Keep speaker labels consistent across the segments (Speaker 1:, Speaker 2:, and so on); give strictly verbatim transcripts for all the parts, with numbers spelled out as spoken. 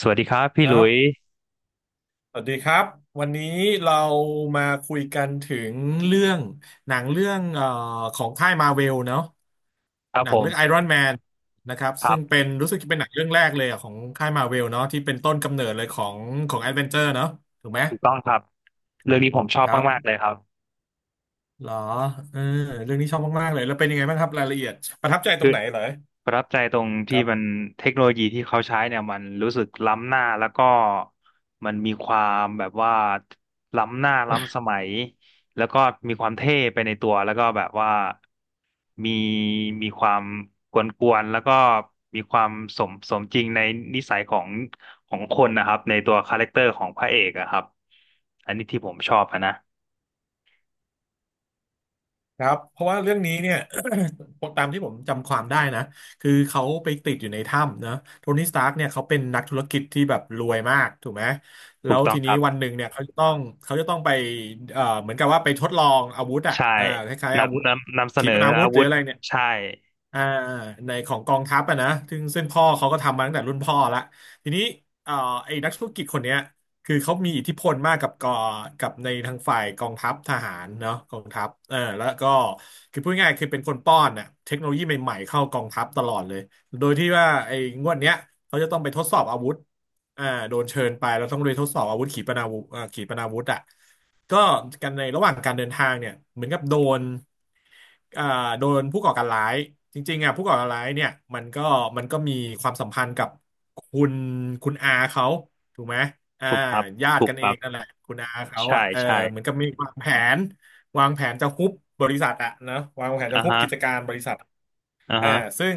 Speaker 1: สวัสดีครับ
Speaker 2: ค
Speaker 1: พี่ห
Speaker 2: รั
Speaker 1: ลุย
Speaker 2: บสวัสดีครับ วันนี้เรามาคุยกันถึงเรื่องหนังเรื่องเอ่อของค่ายมาเวลเนาะ
Speaker 1: ครับ
Speaker 2: หนั
Speaker 1: ผ
Speaker 2: ง
Speaker 1: ม
Speaker 2: เรื่องไอรอนแมนนะครับ
Speaker 1: ครั
Speaker 2: ซึ่ง
Speaker 1: บ
Speaker 2: เป็นรู้สึกจะเป็นหนังเรื่องแรกเลยอะของค่ายมาเวลเนาะที่เป็นต้นกำเนิดเลยของของแอดเวนเจอร์เนาะถูกไหม
Speaker 1: ถูกต้องครับเรื่องนี้ผมชอบ
Speaker 2: ครับ
Speaker 1: มากๆเลยครับ
Speaker 2: เหรอเออเรื่องนี้ชอบมากๆเลยแล้วเป็นยังไงบ้างครับรายละเอียดประทับใจตร
Speaker 1: คือ
Speaker 2: งไหนเหรอ
Speaker 1: ประทับใจตรง
Speaker 2: ค
Speaker 1: ที่
Speaker 2: รั
Speaker 1: มัน
Speaker 2: บ
Speaker 1: เทคโนโลยีที่เขาใช้เนี่ยมันรู้สึกล้ำหน้าแล้วก็มันมีความแบบว่าล้ำหน้าล้ำสมัยแล้วก็มีความเท่ไปในตัวแล้วก็แบบว่ามีมีความกวนๆแล้วก็มีความสมสมจริงในนิสัยของของคนนะครับในตัวคาแรคเตอร์ของพระเอกอะครับอันนี้ที่ผมชอบอะนะ
Speaker 2: ครับเพราะว่าเรื่องนี้เนี่ย ตามที่ผมจำความได้นะคือเขาไปติดอยู่ในถ้ำนะโทนี่สตาร์กเนี่ยเขาเป็นนักธุรกิจที่แบบรวยมากถูกไหมแล้
Speaker 1: ถูก
Speaker 2: ว
Speaker 1: ต้อ
Speaker 2: ที
Speaker 1: งค
Speaker 2: นี้
Speaker 1: รับ
Speaker 2: วันหนึ่งเนี่ยเขาจะต้องเขาจะต้องไปเอ่อเหมือนกับว่าไปทดลองอาวุธอ่ะ
Speaker 1: ใช่
Speaker 2: อ่าคล้ายๆอาวุธ
Speaker 1: นำนำนำเส
Speaker 2: ขี
Speaker 1: นอ
Speaker 2: ปนาวุ
Speaker 1: อา
Speaker 2: ธหรื
Speaker 1: วุ
Speaker 2: อ
Speaker 1: ธ
Speaker 2: อะไรเนี่ย
Speaker 1: ใช่
Speaker 2: อ่าในของกองทัพอะนะซึ่งซึ่งพ่อเขาก็ทำมาตั้งแต่รุ่นพ่อละทีนี้เอ่อไอ้นักธุรกิจคนเนี้ยคือเขามีอิทธิพลมากกับกอกับในทางฝ่ายกองทัพทหารเนาะกองทัพเออแล้วก็คือพูดง่ายๆคือเป็นคนป้อนน่ะเทคโนโลยีใหม่ๆเข้ากองทัพตลอดเลยโดยที่ว่าไอ้งวดเนี้ยเขาจะต้องไปทดสอบอาวุธ อ่าโดนเชิญไปแล้วต้องเรียทดสอบอาวุธขีปนาวุธอ่าขีปนาวุธอ่ะก็กันในระหว่างการเดินทางเนี่ยเหมือนกับโดนอ่าโดนผู้ก่อการร้ายจริงๆอ่ะผู้ก่อการร้ายเนี่ยมันก็มันก็มีความสัมพันธ์กับคุณคุณอาเขาถูกไหมอ่า
Speaker 1: ถูกครับ
Speaker 2: ญา
Speaker 1: ถู
Speaker 2: ติ
Speaker 1: ก
Speaker 2: กัน
Speaker 1: ค
Speaker 2: เอ
Speaker 1: รั
Speaker 2: ง
Speaker 1: บ
Speaker 2: นั่นแหละคุณอาเขา
Speaker 1: ใช่
Speaker 2: อ่ะเออ
Speaker 1: ใช่
Speaker 2: เหมือนกับมีวางแผนวางแผนจะฮุบบริษัทอ่ะนะวางแผนจะ
Speaker 1: อ่า
Speaker 2: ฮุบ
Speaker 1: ฮะ
Speaker 2: กิจการบริษัท
Speaker 1: อ่า
Speaker 2: อ่า
Speaker 1: ฮะ
Speaker 2: ซึ่ง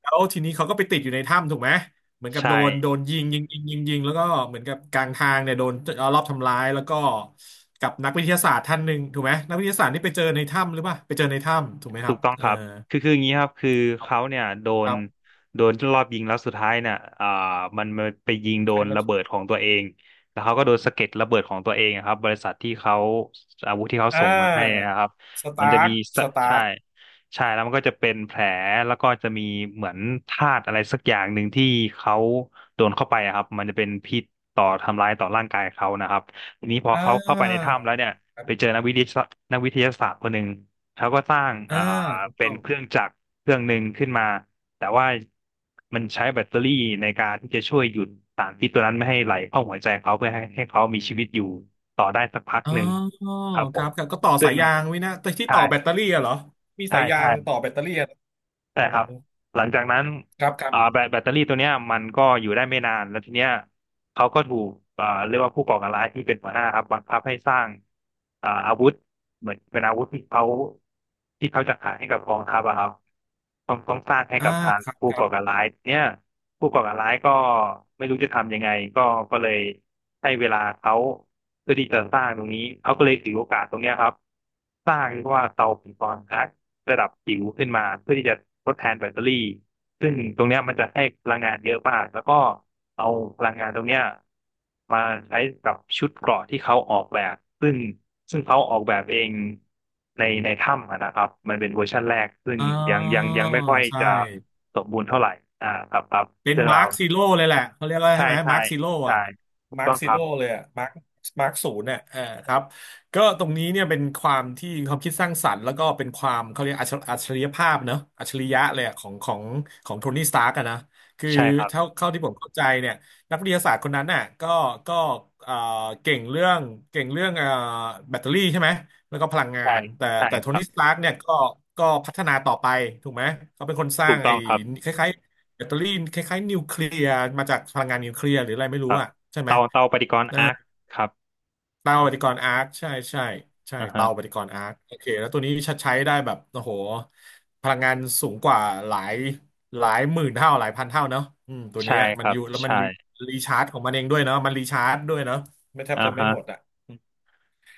Speaker 2: แล้วทีนี้เขาก็ไปติดอยู่ในถ้ำถูกไหมเหมือนกับโด
Speaker 1: ใช่
Speaker 2: นโดนยิงยิงยิงยิงยิงแล้วก็เหมือนกับกลางทางเนี่ยโดนเอารอบทำร้ายแล้วก็กับนักวิทยาศาสตร์ท่านหนึ่งถูกไหมนักวิทยาศาสตร์นี่ไปเจอในถ้ำหรือเปล่าไปเจอในถ้ำถูกไหมค
Speaker 1: ถู
Speaker 2: รั
Speaker 1: ก
Speaker 2: บ
Speaker 1: ต้อง
Speaker 2: เอ
Speaker 1: ค
Speaker 2: อ
Speaker 1: รับ คือคืออย่างนี้ครับคือ
Speaker 2: ครับ
Speaker 1: เขาเนี่ยโด
Speaker 2: ค
Speaker 1: น
Speaker 2: รับ
Speaker 1: โดนรอบยิงแล้วสุดท้ายเนี่ยอ่ามันมันไปยิงโด
Speaker 2: ใคร
Speaker 1: น
Speaker 2: มา
Speaker 1: ระเบิดของตัวเองแล้วเขาก็โดนสะเก็ดระเบิดของตัวเองอะครับ บริษัทที่เขาอาวุธที่เขา
Speaker 2: อ่
Speaker 1: ส่งมาให้
Speaker 2: า
Speaker 1: นะครับ
Speaker 2: ส
Speaker 1: มั
Speaker 2: ตา
Speaker 1: นจะ
Speaker 2: ร์
Speaker 1: มี
Speaker 2: คส
Speaker 1: สะ
Speaker 2: ตา
Speaker 1: ใช่
Speaker 2: ร์ค
Speaker 1: ใช่ แล้วมันก็จะเป็นแผล แล้วก็จะมีเหมือนธาตุอะไรสักอย่างหนึ่งที่เขาโดนเข้าไปอะครับมันจะเป็นพิษต่อทำร้ายต่อร่างกายเขานะครับทีนี้พอ
Speaker 2: อ่
Speaker 1: เขาเข้าไปใน
Speaker 2: า
Speaker 1: ถ้ำแล้วเนี่ย
Speaker 2: ครั
Speaker 1: ไปเจอ
Speaker 2: บ
Speaker 1: นักวิทยาศาสตร์นักวิทยาศาสตร์คนหนึ่ง เขาก็สร้าง
Speaker 2: อ่า
Speaker 1: อ่า
Speaker 2: ถูก
Speaker 1: เป็
Speaker 2: ต้
Speaker 1: น
Speaker 2: อง
Speaker 1: เครื่องจักรเครื่องหนึ่งขึ้นมา แต่ว่ามันใช้แบตเตอรี่ในการที่จะช่วยหยุดสารพิษตัวนั้นไม่ให้ไหลเข้าหัวใจเขาเพื่อให้ให้เขามีชีวิตอยู่ต่อได้สักพัก
Speaker 2: อ๋
Speaker 1: หนึ่ง
Speaker 2: อ
Speaker 1: ครับผ
Speaker 2: ครั
Speaker 1: ม
Speaker 2: บครับก็ต่อ
Speaker 1: ซึ่
Speaker 2: สา
Speaker 1: ง
Speaker 2: ยยางไวินะแต่ที่
Speaker 1: ใช่
Speaker 2: ต่อแบตเตอรี่อะเหรอมี
Speaker 1: ใช่
Speaker 2: สายยา
Speaker 1: ใช่
Speaker 2: งต่อแบตเตอรี่อะอื
Speaker 1: ใช่ค
Speaker 2: ม
Speaker 1: รับหลังจากนั้น
Speaker 2: ครับครับ
Speaker 1: อ่าแบตแบตเตอรี่ตัวเนี้ยมันก็อยู่ได้ไม่นานแล้วทีเนี้ยเขาก็ถูกอ่าเรียกว่าผู้ก่อการร้ายที่เป็นหัวหน้าครับบังคับให้สร้างอ่าอาวุธเหมือนเป็นอาวุธที่เขาที่เขาจะขายให้กับกองทัพอะครับต้องต้องสร้างให้
Speaker 2: อ่า
Speaker 1: กับทาง
Speaker 2: ครับ
Speaker 1: ผู้
Speaker 2: ครั
Speaker 1: ก่อการ
Speaker 2: บ
Speaker 1: ร้ายทีเนี้ยผู้ก่อการร้ายก็ไม่รู้จะทำยังไงก็ก็เลยให้เวลาเขาเพื่อที่จะสร้างตรงนี้เขาก็เลยถือโอกาสตรงเนี้ยครับสร้างเรียกว่าเตาปิงปองครับ ระดับจิ๋วขึ้นมาเพื่อที่จะทดแทนแบตเตอรี่ซึ่งตรงเนี้ยมันจะให้พลังงานเยอะมากแล้วก็เอาพลังงานตรงเนี้ยมาใช้กับชุดเกราะที่เขาออกแบบซึ่งซึ่งเขาออกแบบเองในในถ้ำอะนะครับมันเป็นเวอร์ชันแรกซึ่ง
Speaker 2: อ๋อ
Speaker 1: ยังยังยังไม่ค่อย
Speaker 2: ใช่
Speaker 1: จะสมบูรณ์เท่าไหร่อ่าครับครับ
Speaker 2: เป็น
Speaker 1: เรื่อง
Speaker 2: มา
Speaker 1: รา
Speaker 2: ร์
Speaker 1: ว
Speaker 2: คซีโร่เลยแหละเขาเรียกว่า
Speaker 1: ใช่
Speaker 2: ใช่ไหม
Speaker 1: ใช่
Speaker 2: มาร์คซีโร่
Speaker 1: ใช่
Speaker 2: อะ
Speaker 1: ถูก
Speaker 2: มาร์
Speaker 1: ต้
Speaker 2: ค
Speaker 1: อง
Speaker 2: ซี
Speaker 1: ครั
Speaker 2: โร่
Speaker 1: บ
Speaker 2: เลยอะมาร์คมาร์คศูนย์เนี่ยเออครับก็ตรงนี้เนี่ยเป็นความที่ความคิดสร้างสรรค์แล้วก็เป็นความเขาเรียกอัจฉอัจฉริยภาพเนอะอัจฉริยะเลยอะของของของโทนี่สตาร์กอะนะคือ
Speaker 1: ใช่ครับ
Speaker 2: เท่าเข้าที่ผมเข้าใจเนี่ยนักวิทยาศาสตร์คนนั้นน่ะก็ก็เอ่อเก่งเรื่องเก่งเรื่องเอ่อแบตเตอรี่ใช่ไหมแล้วก็พลังงา
Speaker 1: ใช่
Speaker 2: นแต่
Speaker 1: ใช่
Speaker 2: แต่โท
Speaker 1: ครั
Speaker 2: นี่ส
Speaker 1: บ
Speaker 2: ตาร์กเนี่ยก็ก็พัฒนาต่อไปถูกไหมเขาเป็นคนส
Speaker 1: ถู
Speaker 2: ร้าง
Speaker 1: กต้อ
Speaker 2: ไอ้
Speaker 1: งครับ
Speaker 2: คล้ายๆ แบตเตอรี่คล้ายๆนิวเคลียร์มาจากพลังงานนิวเคลียร์หรืออะไรไม่
Speaker 1: ค
Speaker 2: รู้
Speaker 1: รับ
Speaker 2: อะใช่ไหม
Speaker 1: เตาเตาปฏิกรณ์
Speaker 2: เออ
Speaker 1: อาร์คครับ
Speaker 2: เตาปฏิกรณ์อาร์คใช่ใช่ใช่
Speaker 1: อ่าฮะ
Speaker 2: เตาปฏิกรณ์อาร์คโอเคแล้วตัวนี้ใช้ได้แบบโอ้โหพลังงานสูงกว่าหลายหลายหมื่นเท่าหลายพันเท่าเนาะอืมตัว
Speaker 1: ใช่
Speaker 2: เนี้ย
Speaker 1: ค
Speaker 2: มัน
Speaker 1: รั
Speaker 2: อ
Speaker 1: บ
Speaker 2: ยู่แล้วมัน
Speaker 1: ใช่
Speaker 2: รีรีชาร์จของมันเองด้วยเนาะมันรีชาร์จด้วยเนาะไม่แทบ
Speaker 1: อ่า
Speaker 2: จะไม่
Speaker 1: ฮะ
Speaker 2: หมดอะ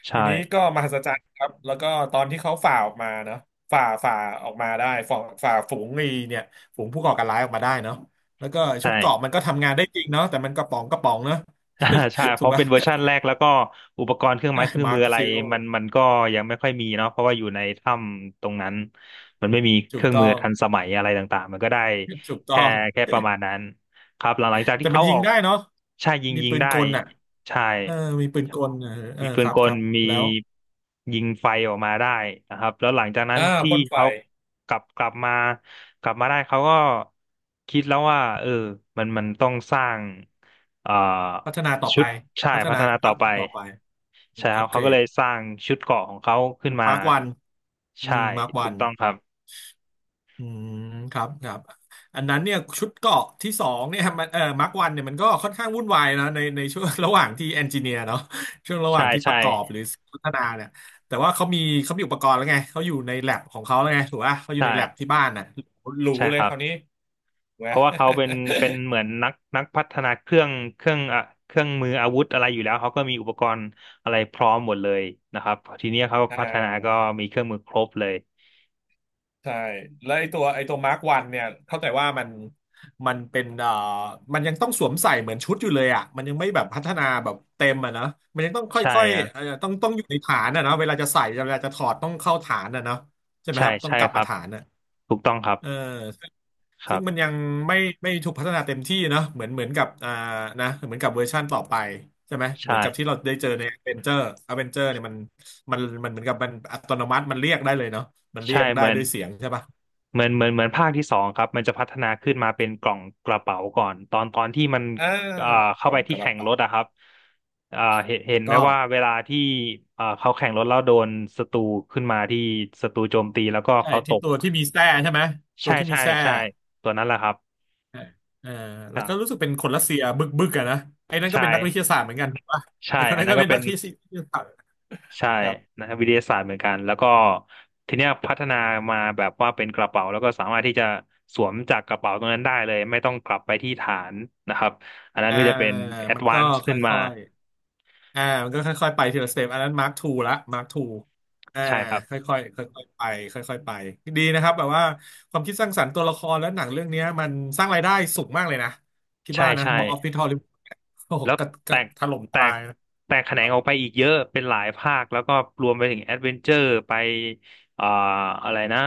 Speaker 1: ใช่
Speaker 2: ทีนี้ก็มหัศจรรย์ครับแล้วก็ตอนที่เขาฝ่าออกมาเนาะฝ่าฝ่าออกมาได้ฝ่าฝ่าฝูงไอ้เนี่ยฝูงผู้ก่อการร้ายออกมาได้เนาะแล้วก็ชุด
Speaker 1: ใช่
Speaker 2: เกราะมันก็ทำงานได้จริงเนาะแต่มันกระป๋องกระป๋องเนาะ
Speaker 1: อ่าใช่ เพ
Speaker 2: ถูก
Speaker 1: ราะ
Speaker 2: ป่ะ
Speaker 1: เป็นเวอร์ชันแรกแล้วก็อุปกรณ์เครื่องไม้เครื่อ ง
Speaker 2: มา
Speaker 1: มื
Speaker 2: ร์ค
Speaker 1: ออะไร
Speaker 2: ซีโร่
Speaker 1: มันมันก็ยังไม่ค่อยมีเนาะเพราะว่าอยู่ในถ้ำตรงนั้นมันไม่มี
Speaker 2: ถู
Speaker 1: เค
Speaker 2: ก
Speaker 1: รื่อง
Speaker 2: ต้อ
Speaker 1: มือ
Speaker 2: ง
Speaker 1: ทันสมัยอะไรต่างๆมันก็ได้
Speaker 2: ถูกต้
Speaker 1: แค่
Speaker 2: อง
Speaker 1: แค่ประมาณนั้นครับหลังหลังจาก
Speaker 2: แต่
Speaker 1: ที่
Speaker 2: มั
Speaker 1: เขา
Speaker 2: นยิ
Speaker 1: อ
Speaker 2: ง
Speaker 1: อก
Speaker 2: ได้เนาะ
Speaker 1: ใช่ยิง
Speaker 2: มี
Speaker 1: ยิง
Speaker 2: ปืน
Speaker 1: ได้
Speaker 2: กลอ่ะ
Speaker 1: ใช่
Speaker 2: เออมีปืนกลเออเออ
Speaker 1: มีปื
Speaker 2: ค
Speaker 1: น
Speaker 2: รับ
Speaker 1: ก
Speaker 2: ค
Speaker 1: ล
Speaker 2: รับ
Speaker 1: มี
Speaker 2: แล้ว
Speaker 1: ยิงไฟออกมาได้นะครับแล้วหลังจากนั้น
Speaker 2: อ่า
Speaker 1: ที่
Speaker 2: พ่นไฟ
Speaker 1: เขากลับกลับมากลับมาได้เขาก็คิดแล้วว่าเออมันมันต้องสร้างเอ่อ
Speaker 2: พัฒนาต่อ
Speaker 1: ชุ
Speaker 2: ไป
Speaker 1: ดใช่
Speaker 2: พัฒ
Speaker 1: พั
Speaker 2: นา
Speaker 1: ฒนาต่
Speaker 2: อั
Speaker 1: อ
Speaker 2: พ
Speaker 1: ไป
Speaker 2: ต่อไป
Speaker 1: ใช่ค
Speaker 2: อั
Speaker 1: รับ
Speaker 2: ปเก
Speaker 1: เขา
Speaker 2: ร
Speaker 1: ก็เล
Speaker 2: ด
Speaker 1: ยสร้างชุดเกราะของเขาขึ้นมา
Speaker 2: มาร์กวันอื
Speaker 1: ใช่
Speaker 2: มมาร์ก
Speaker 1: ถู
Speaker 2: วั
Speaker 1: ก
Speaker 2: น
Speaker 1: ต้องครับ
Speaker 2: อืมครับครับอันนั้นเนี่ยชุดเกาะที่สองเนี่ยมันเออมาร์ควันเนี่ยมันก็ค่อนข้างวุ่นวายนะในในช่วงระหว่างที่เอนจิเนียร์เนาะช่วงระห
Speaker 1: ใช่
Speaker 2: ว่างที่ป
Speaker 1: ใช่
Speaker 2: ระกอบหรือพัฒนาเนี่ยแต่ว่าเขามีเขามีอุปกรณ์แล้วไงเขาอยู่ในแลบของเขาแล้วไงถูกป่ะเขาอยู่ในแลบ
Speaker 1: ใช่
Speaker 2: ที่บ้านน่ะรู้
Speaker 1: ใช่
Speaker 2: เล
Speaker 1: ค
Speaker 2: ย
Speaker 1: รั
Speaker 2: ค
Speaker 1: บ
Speaker 2: ราวนี้ถูกไห
Speaker 1: เพ
Speaker 2: ม
Speaker 1: ราะว่าเขาเป็นเป็นเหมือนนักนักพัฒนาเครื่องเครื่องอ่ะเครื่องมืออาวุธอะไรอยู่แล้วเขาก็มีอุปกรณ์อะไรพร้อมหมดเลยนะครับทีนี้เขา
Speaker 2: อ่า
Speaker 1: พัฒนาก็มีเครื่องมือครบเลย
Speaker 2: ใช่แล้วไอตัวไอตัวมาร์กวันเนี่ยเข้าใจว่ามันมันเป็นเอ่อมันยังต้องสวมใส่เหมือนชุดอยู่เลยอ่ะมันยังไม่แบบพัฒนาแบบเต็มอ่ะนะมันยังต้องค
Speaker 1: ใช่
Speaker 2: ่อย
Speaker 1: ครั
Speaker 2: ๆ
Speaker 1: บ
Speaker 2: เอ่อต้องต้องอยู่ในฐานอ่ะเนาะเวลาจะใส่เวลาจะถอดต้องเข้าฐานอ่ะเนาะใช่ไหม
Speaker 1: ใช่
Speaker 2: ครับต้อง
Speaker 1: ใช่
Speaker 2: กลับ
Speaker 1: ครั
Speaker 2: มา
Speaker 1: บ
Speaker 2: ฐานอ่ะ
Speaker 1: ถูกต้องครับ
Speaker 2: เออซึ่ง
Speaker 1: ค
Speaker 2: ซึ่
Speaker 1: รั
Speaker 2: ง
Speaker 1: บ
Speaker 2: มันยังไม่ไม่ถูกพัฒนาเต็มที่เนาะเหมือนเหมือนกับอ่านะเหมือนกับเวอร์ชั่นต่อไปใช่ไหมเห
Speaker 1: ใช่
Speaker 2: มือนกับที่เราได้เจอในอเวนเจอร์อเวนเจอร์เนี่ยมันมันมันเหมือนกับมันอัตโนมัติมันเรียกได้เลยเนาะมันเรีย
Speaker 1: ใช่
Speaker 2: ก
Speaker 1: เห
Speaker 2: ได้
Speaker 1: มือน
Speaker 2: ด้วยเสียงใช่ปะ
Speaker 1: เหมือนเหมือนเหมือนภาคที่สองครับมันจะพัฒนาขึ้นมาเป็นกล่องกระเป๋าก่อนตอนตอนที่มัน
Speaker 2: อ่า
Speaker 1: เอ่อ
Speaker 2: เป็นก
Speaker 1: เข้า
Speaker 2: ล่อ
Speaker 1: ไป
Speaker 2: งก
Speaker 1: ที่
Speaker 2: ระ
Speaker 1: แข่งร
Speaker 2: เป๋า
Speaker 1: ถอะครับเอ่อเห็นเห็
Speaker 2: ถู
Speaker 1: น
Speaker 2: ก
Speaker 1: ไหม
Speaker 2: ต้อง
Speaker 1: ว่าเวลาที่เอ่อเขาแข่งรถแล้วโดนศัตรูขึ้นมาที่ศัตรูโจมตีแล้วก็
Speaker 2: ใช่
Speaker 1: เขาต
Speaker 2: ที่
Speaker 1: ก
Speaker 2: ตัวที่มีแส้ใช่ไหมตั
Speaker 1: ใช่
Speaker 2: วที่มี
Speaker 1: ใช่
Speaker 2: แส้
Speaker 1: ใช่ตัวนั้นแหละครับ
Speaker 2: เออเออแล้ว
Speaker 1: อ่า
Speaker 2: ก็รู้สึกเป็นคนรัสเซียบึกบึกอะนะไอ้นั่นก็เป็
Speaker 1: ใช่
Speaker 2: นนักวิทยาศาสตร์เหมือนกัน ถูกปะไอ้
Speaker 1: ใช่
Speaker 2: คน
Speaker 1: อัน
Speaker 2: นั้น
Speaker 1: นั้น
Speaker 2: ก็
Speaker 1: ก็
Speaker 2: เป็น
Speaker 1: เป็
Speaker 2: นั
Speaker 1: น
Speaker 2: กที่วิทยาศาสตร์
Speaker 1: ใช่
Speaker 2: ครับ
Speaker 1: นะครับวิทยาศาสตร์เหมือนกันแล้วก็ทีเนี้ยพัฒนามาแบบว่าเป็นกระเป๋าแล้วก็สามารถที่จะสวมจากกระเป๋าตรงนั้นได้เลยไม่ต้องกลับไปที่ฐานนะครับอันนั้น
Speaker 2: อ่า
Speaker 1: ก็จะเป็นแอด
Speaker 2: มัน
Speaker 1: วา
Speaker 2: ก็
Speaker 1: นซ์
Speaker 2: ค
Speaker 1: ขึ้นมา
Speaker 2: ่อยๆอ่ามันก็ค่อยๆไปทีละสเต็ปอันนั้นมาร์คทูละมาร์คทูอ่า
Speaker 1: ใช่ครั
Speaker 2: ค
Speaker 1: บ
Speaker 2: ่อยๆค่อยๆไปค่อยๆไปดีนะครับแบบว่าความคิดสร้างสรรค์ตัวละครและหนังเรื่องเนี้ยมันสร้างรายได้สูงมากเลยนะคิด
Speaker 1: ใช่
Speaker 2: ว่านะ
Speaker 1: ใช่
Speaker 2: บ็อกออฟฟิศฮอลลีวูดโอ้โห
Speaker 1: แล้ว
Speaker 2: กระก
Speaker 1: แต
Speaker 2: ระ
Speaker 1: ก
Speaker 2: ถล่ม
Speaker 1: แต
Speaker 2: ตา
Speaker 1: ก
Speaker 2: ย
Speaker 1: แตกแขนงออกไปอีกเยอะเป็นหลายภาคแล้วก็รวมไปถึงแอดเวนเจอร์ไปเอ่ออะไรนะ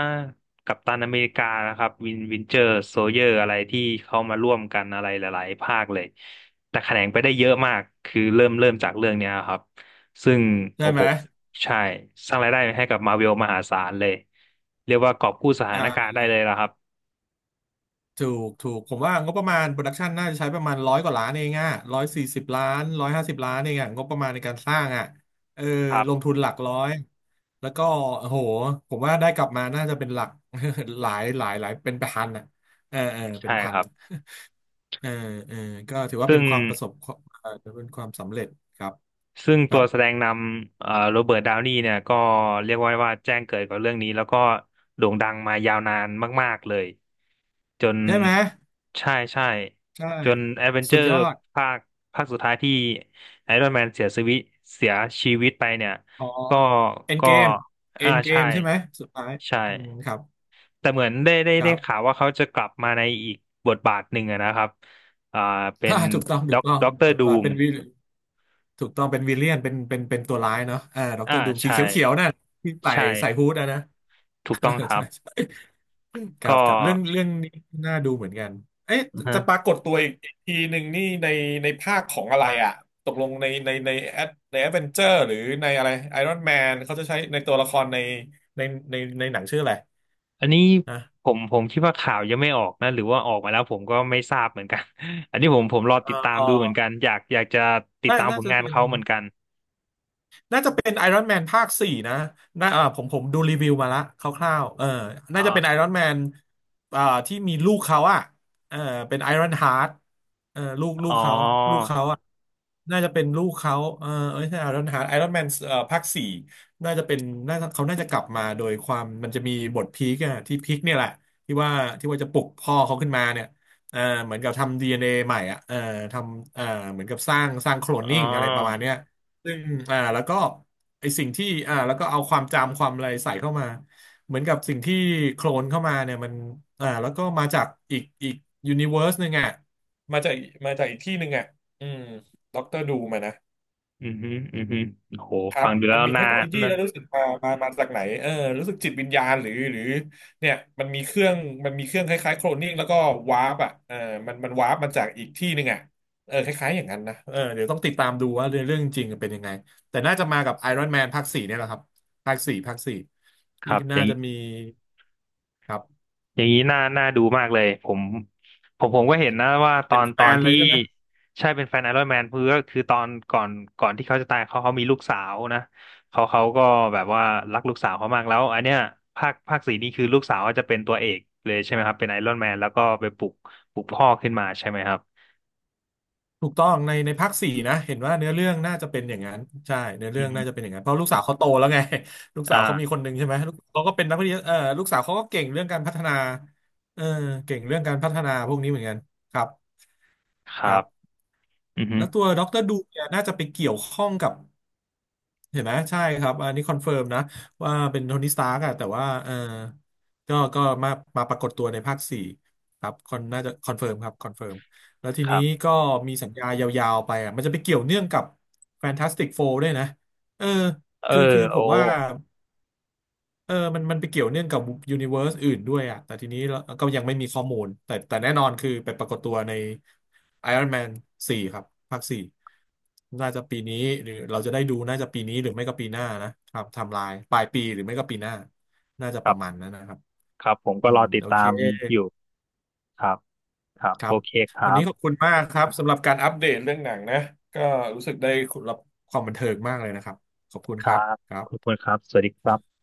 Speaker 1: กัปตันอเมริกานะครับวินวินเจอร์โซเยอร์อะไรที่เขามาร่วมกันอะไรหลายๆภาคเลยแต่แขนงไปได้เยอะมากคือเริ่มเริ่มจากเรื่องเนี้ยครับซึ่ง
Speaker 2: ใช่
Speaker 1: โอ้
Speaker 2: ไห
Speaker 1: โห
Speaker 2: ม
Speaker 1: ใช่สร้างรายได้ให้กับมาเวลมหาศาลเลยเรียกว่ากอบกู้สถา
Speaker 2: อ่า
Speaker 1: นการณ์ได้เลยละครับ
Speaker 2: ถูก ถูก ผมว่างบประมาณโปรดักชันน่าจะใช้ประมาณร้อยกว่าล้านเองอ่ะร้อยสี่สิบล้านร้อยห้าสิบล้านเองอ่ะงบประมาณในการสร้างอ่ะเออ
Speaker 1: ครับ
Speaker 2: ลงทุนหลักร้อยแล้วก็โอ้โหผมว่าได้กลับมาน่าจะเป็นหลัก หลายหลายหลายเป็นพันอ่ะเออเออเป็
Speaker 1: ใช่
Speaker 2: นพั
Speaker 1: ค
Speaker 2: น
Speaker 1: รับ
Speaker 2: อ่ะ เออเออก็ถือว่าเป็
Speaker 1: ซึ่
Speaker 2: น
Speaker 1: ง
Speaker 2: ความประสบเออเป็นความสำเร็จครับ
Speaker 1: ซึ่ง
Speaker 2: ค
Speaker 1: ตั
Speaker 2: รั
Speaker 1: ว
Speaker 2: บ
Speaker 1: แสดงนำเอ่อโรเบิร์ตดาวนีเนี่ยก็เรียกว่าว่าแจ้งเกิดกับเรื่องนี้แล้วก็โด่งดังมายาวนานมากๆเลย จน
Speaker 2: ใช่ไหม
Speaker 1: ใช่ใช่
Speaker 2: ใช่
Speaker 1: จนแอดเวนเจอ
Speaker 2: สุด
Speaker 1: ร์
Speaker 2: ยอด
Speaker 1: ภาคภาคสุดท้ายที่ไอรอนแมนเสียชีวิตเสียชีวิตไปเนี่ย
Speaker 2: อ๋อ
Speaker 1: ก็
Speaker 2: เอ็น
Speaker 1: ก็
Speaker 2: เกมเอ็
Speaker 1: อ่า
Speaker 2: นเก
Speaker 1: ใช่
Speaker 2: มใช่ไหมสุดท้าย
Speaker 1: ใช่
Speaker 2: อืมครับ
Speaker 1: แต่เหมือนได้ได้
Speaker 2: ค
Speaker 1: ได้
Speaker 2: รับ
Speaker 1: ข่าวว่าเขาจะกลับมาในอีกบทบาทหนึ่งอะนะครับอ่า เป็
Speaker 2: อ่า
Speaker 1: น
Speaker 2: ถูกต้องถู
Speaker 1: ด็อ
Speaker 2: ก
Speaker 1: ก
Speaker 2: ต้อง
Speaker 1: ด็อกเตอ
Speaker 2: บ
Speaker 1: ร์
Speaker 2: ท
Speaker 1: ดู
Speaker 2: บาท
Speaker 1: ม
Speaker 2: เป็นวิลถูกต้องเป็นวิลเลียนเป็นเป็นเป็นตัวร้ายเนาะอ่าด็อกเต
Speaker 1: อ่า
Speaker 2: อร์ดูมสี
Speaker 1: ใช่
Speaker 2: เขียวๆนั่นที่ใส่
Speaker 1: ใช่
Speaker 2: ใส่ฮูดอะนะ
Speaker 1: ถูก
Speaker 2: เออ
Speaker 1: ต้องครั
Speaker 2: ใช่
Speaker 1: บ
Speaker 2: ใช่ครับ
Speaker 1: ก็
Speaker 2: ครับเรื่องเรื่องนี้น่าดูเหมือนกันเอ๊ะจะ
Speaker 1: ฮะ
Speaker 2: ปรากฏตัวอีกทีหนึ่งนี่ในในภาคของอะไรอ่ะตกลงในในในแอดในแอดเวนเจอร์หรือในอะไรไอรอนแมนเขาจะใช้ในตัวละครในในในในหนังชื่ออะไร
Speaker 1: อันนี้
Speaker 2: นะ
Speaker 1: ผมผมคิดว่าข่าวยังไม่ออกนะหรือว่าออกมาแล้วผมก็ไม่ทราบเหมือนกัน อันนี้ผมผมรอ
Speaker 2: เอ่อ
Speaker 1: ติดตาม
Speaker 2: เออ
Speaker 1: ดูเหมือนกันอยากอยากจะติด
Speaker 2: น่า
Speaker 1: ตามผ
Speaker 2: น่า
Speaker 1: ล
Speaker 2: จะ
Speaker 1: งาน
Speaker 2: เป็น
Speaker 1: เขาเหมือนกัน
Speaker 2: น่าจะเป็นไอรอนแมนภาคสี่นะน่าเออผมผมดูรีวิวมาละคร่าวๆเออน่า
Speaker 1: อ๋
Speaker 2: จะเป็นไอ
Speaker 1: อ
Speaker 2: รอนแมนอ่าที่มีลูกเขาอ่ะเออเป็นไอรอนฮาร์เออลูกลู
Speaker 1: อ๋
Speaker 2: กเขาลูก
Speaker 1: อ
Speaker 2: เขาอ่ะน่าจะเป็นลูกเขาเออเอ้ยใช่ไอรอนฮาร์ดไอรอนแมนเอ่อภาคสี่น่าจะเป็นน่าจะเขาน่าจะกลับมาโดยความมันจะมีบทพีคอะที่พีคเนี่ยแหละ ที่ว่าที่ว่าจะปลุกพ่อเขาขึ้นมาเนี่ยเออเหมือนกับทำ ดี เอ็น เอ ใหม่อะเออทำเออเหมือนกับสร้างสร้างโคลน
Speaker 1: อ๋อ
Speaker 2: นิ่งอะไรประมาณเนี้ย ซึ่งอ่าแล้วก็ไอสิ่งที่อ่าแล้วก็เอาความจำความอะไรใส่เข้ามา เหมือนกับสิ่งที่โคลนเข้ามาเนี่ยมันอ่าแล้วก็มาจากอีกอีกยูนิเวอร์สหนึ่งอ่ะมาจากมาจากอีกที่หนึ่งอ่ะอืมด็อกเตอร์ดูมานะ
Speaker 1: อือฮึอือฮึโห
Speaker 2: ครั
Speaker 1: ฟั
Speaker 2: บ
Speaker 1: งดู
Speaker 2: มั
Speaker 1: แล้
Speaker 2: น
Speaker 1: ว
Speaker 2: มีเท
Speaker 1: น่า
Speaker 2: คโนโลยี
Speaker 1: นั่
Speaker 2: แล้
Speaker 1: น
Speaker 2: วรู้สึกมามามาจากไหนเออรู้สึกจิตวิญญาณหรือหรือเนี่ยมันมีเครื่องมันมีเครื่องคล้ายๆโคลนนิ่งแล้วก็วาร์ปอ่ะเออมันมันวาร์ปมาจากอีกที่หนึ่งอ่ะเออคล้ายๆ อย่างนั้นนะเออเดี๋ยวต้องติดตามดูว่าเรื่องเรื่องจริงเป็นยังไง แต่น่าจะมากับไอรอนแมนภาคสี่เนี่ยแหละครับภาคสี่ภาคสี่
Speaker 1: ค
Speaker 2: ที่
Speaker 1: รับอ
Speaker 2: น่า
Speaker 1: ย่าง
Speaker 2: จะมีครับ
Speaker 1: อย่างนี้น่าน่าดูมากเลยผมผมผมก็เห็นนะว่าตอ
Speaker 2: เป็น
Speaker 1: น
Speaker 2: แฟ
Speaker 1: ตอน
Speaker 2: นเล
Speaker 1: ที่
Speaker 2: ยใช่ไหม
Speaker 1: ใช่เป็นแฟนไอรอนแมนเพื่อคือตอนก่อนก่อนที่เขาจะตายเขาเขามีลูกสาวนะเขาเขาก็แบบว่ารักลูกสาวเขามากแล้วอันเนี้ยภาคภาคสี่นี่คือลูกสาวก็จะเป็นตัวเอกเลยใช่ไหมครับเป็นไอรอนแมนแล้วก็ไปปลุกปลุกพ่อขึ้นมาใช่ไหมครับ
Speaker 2: ถูกต้องในในภาคสี่นะเห็นว่าเนื้อเรื่องน่าจะเป็นอย่างนั้นใช่เนื้อ
Speaker 1: อื
Speaker 2: เรื่อ
Speaker 1: อ
Speaker 2: ง
Speaker 1: ฮึ
Speaker 2: น่าจะเป็นอย่างนั้นเพราะลูกสาวเขาโตแล้วไง ลูกสาวเขามี
Speaker 1: อ่า
Speaker 2: คนหนึ่งใช่ไหมลูกเขาก็เป็นนักวิทยาเออลูกสาวเขาก็เก่งเรื่องการพัฒนาเออเก่งเรื่องการพัฒนาพวกนี้เหมือนกันครับ
Speaker 1: ค
Speaker 2: ค
Speaker 1: รั
Speaker 2: รับ
Speaker 1: บอือฮึ
Speaker 2: แล้วตัวดรดูเนี่ยน่าจะไปเกี่ยวข้องกับ เห็นไหมใช่ครับอันนี้คอนเฟิร์มนะว่าเป็นโทนี่สตาร์กอะแต่ว่าเออก็ก็มามาปรากฏตัวในภาคสี่ครับคอนน่าจะคอนเฟิร์มครับคอนเฟิร์มแล้วที
Speaker 1: ครั
Speaker 2: นี้
Speaker 1: บ
Speaker 2: ก็มีสัญญายาวๆไปอ่ะมันจะไปเกี่ยวเนื่องกับแฟนตาสติกโฟร์ด้วยนะเออ
Speaker 1: เออ
Speaker 2: คือคือผ
Speaker 1: โอ้
Speaker 2: มว่า เออมันมันไปเกี่ยวเนื่องกับยูนิเวอร์สอื่นด้วยอ่ะแต่ทีนี้เราก็ยังไม่มีข้อมูลแต่แต่แน่นอนคือไปปรากฏตัวใน Iron Man สี่ครับภาคสี่น่าจะปีนี้หรือเราจะได้ดูน่าจะปีนี้หรือไม่ก็ปีหน้านะครับไทำลายปลายปีหรือไม่ก็ปีหน้า น่าจะ
Speaker 1: ค
Speaker 2: ป
Speaker 1: รั
Speaker 2: ระมาณ
Speaker 1: บ
Speaker 2: นั้นนะครับ
Speaker 1: ครับผม
Speaker 2: อื
Speaker 1: ก็ร
Speaker 2: ม
Speaker 1: อติด
Speaker 2: โอเค
Speaker 1: ตามอยู่ครับครับ
Speaker 2: ครั
Speaker 1: โอ
Speaker 2: บ
Speaker 1: เคค
Speaker 2: วัน
Speaker 1: รับ
Speaker 2: นี้ขอบคุณมากครับสำหรับการอัปเดตเรื่องหนังนะก็รู้สึกได้รับความบันเทิงมากเลยนะครับขอบคุณ
Speaker 1: ค
Speaker 2: ค
Speaker 1: รั
Speaker 2: รับ
Speaker 1: บ
Speaker 2: ครับ
Speaker 1: ขอบคุณครับสวัสดีครับ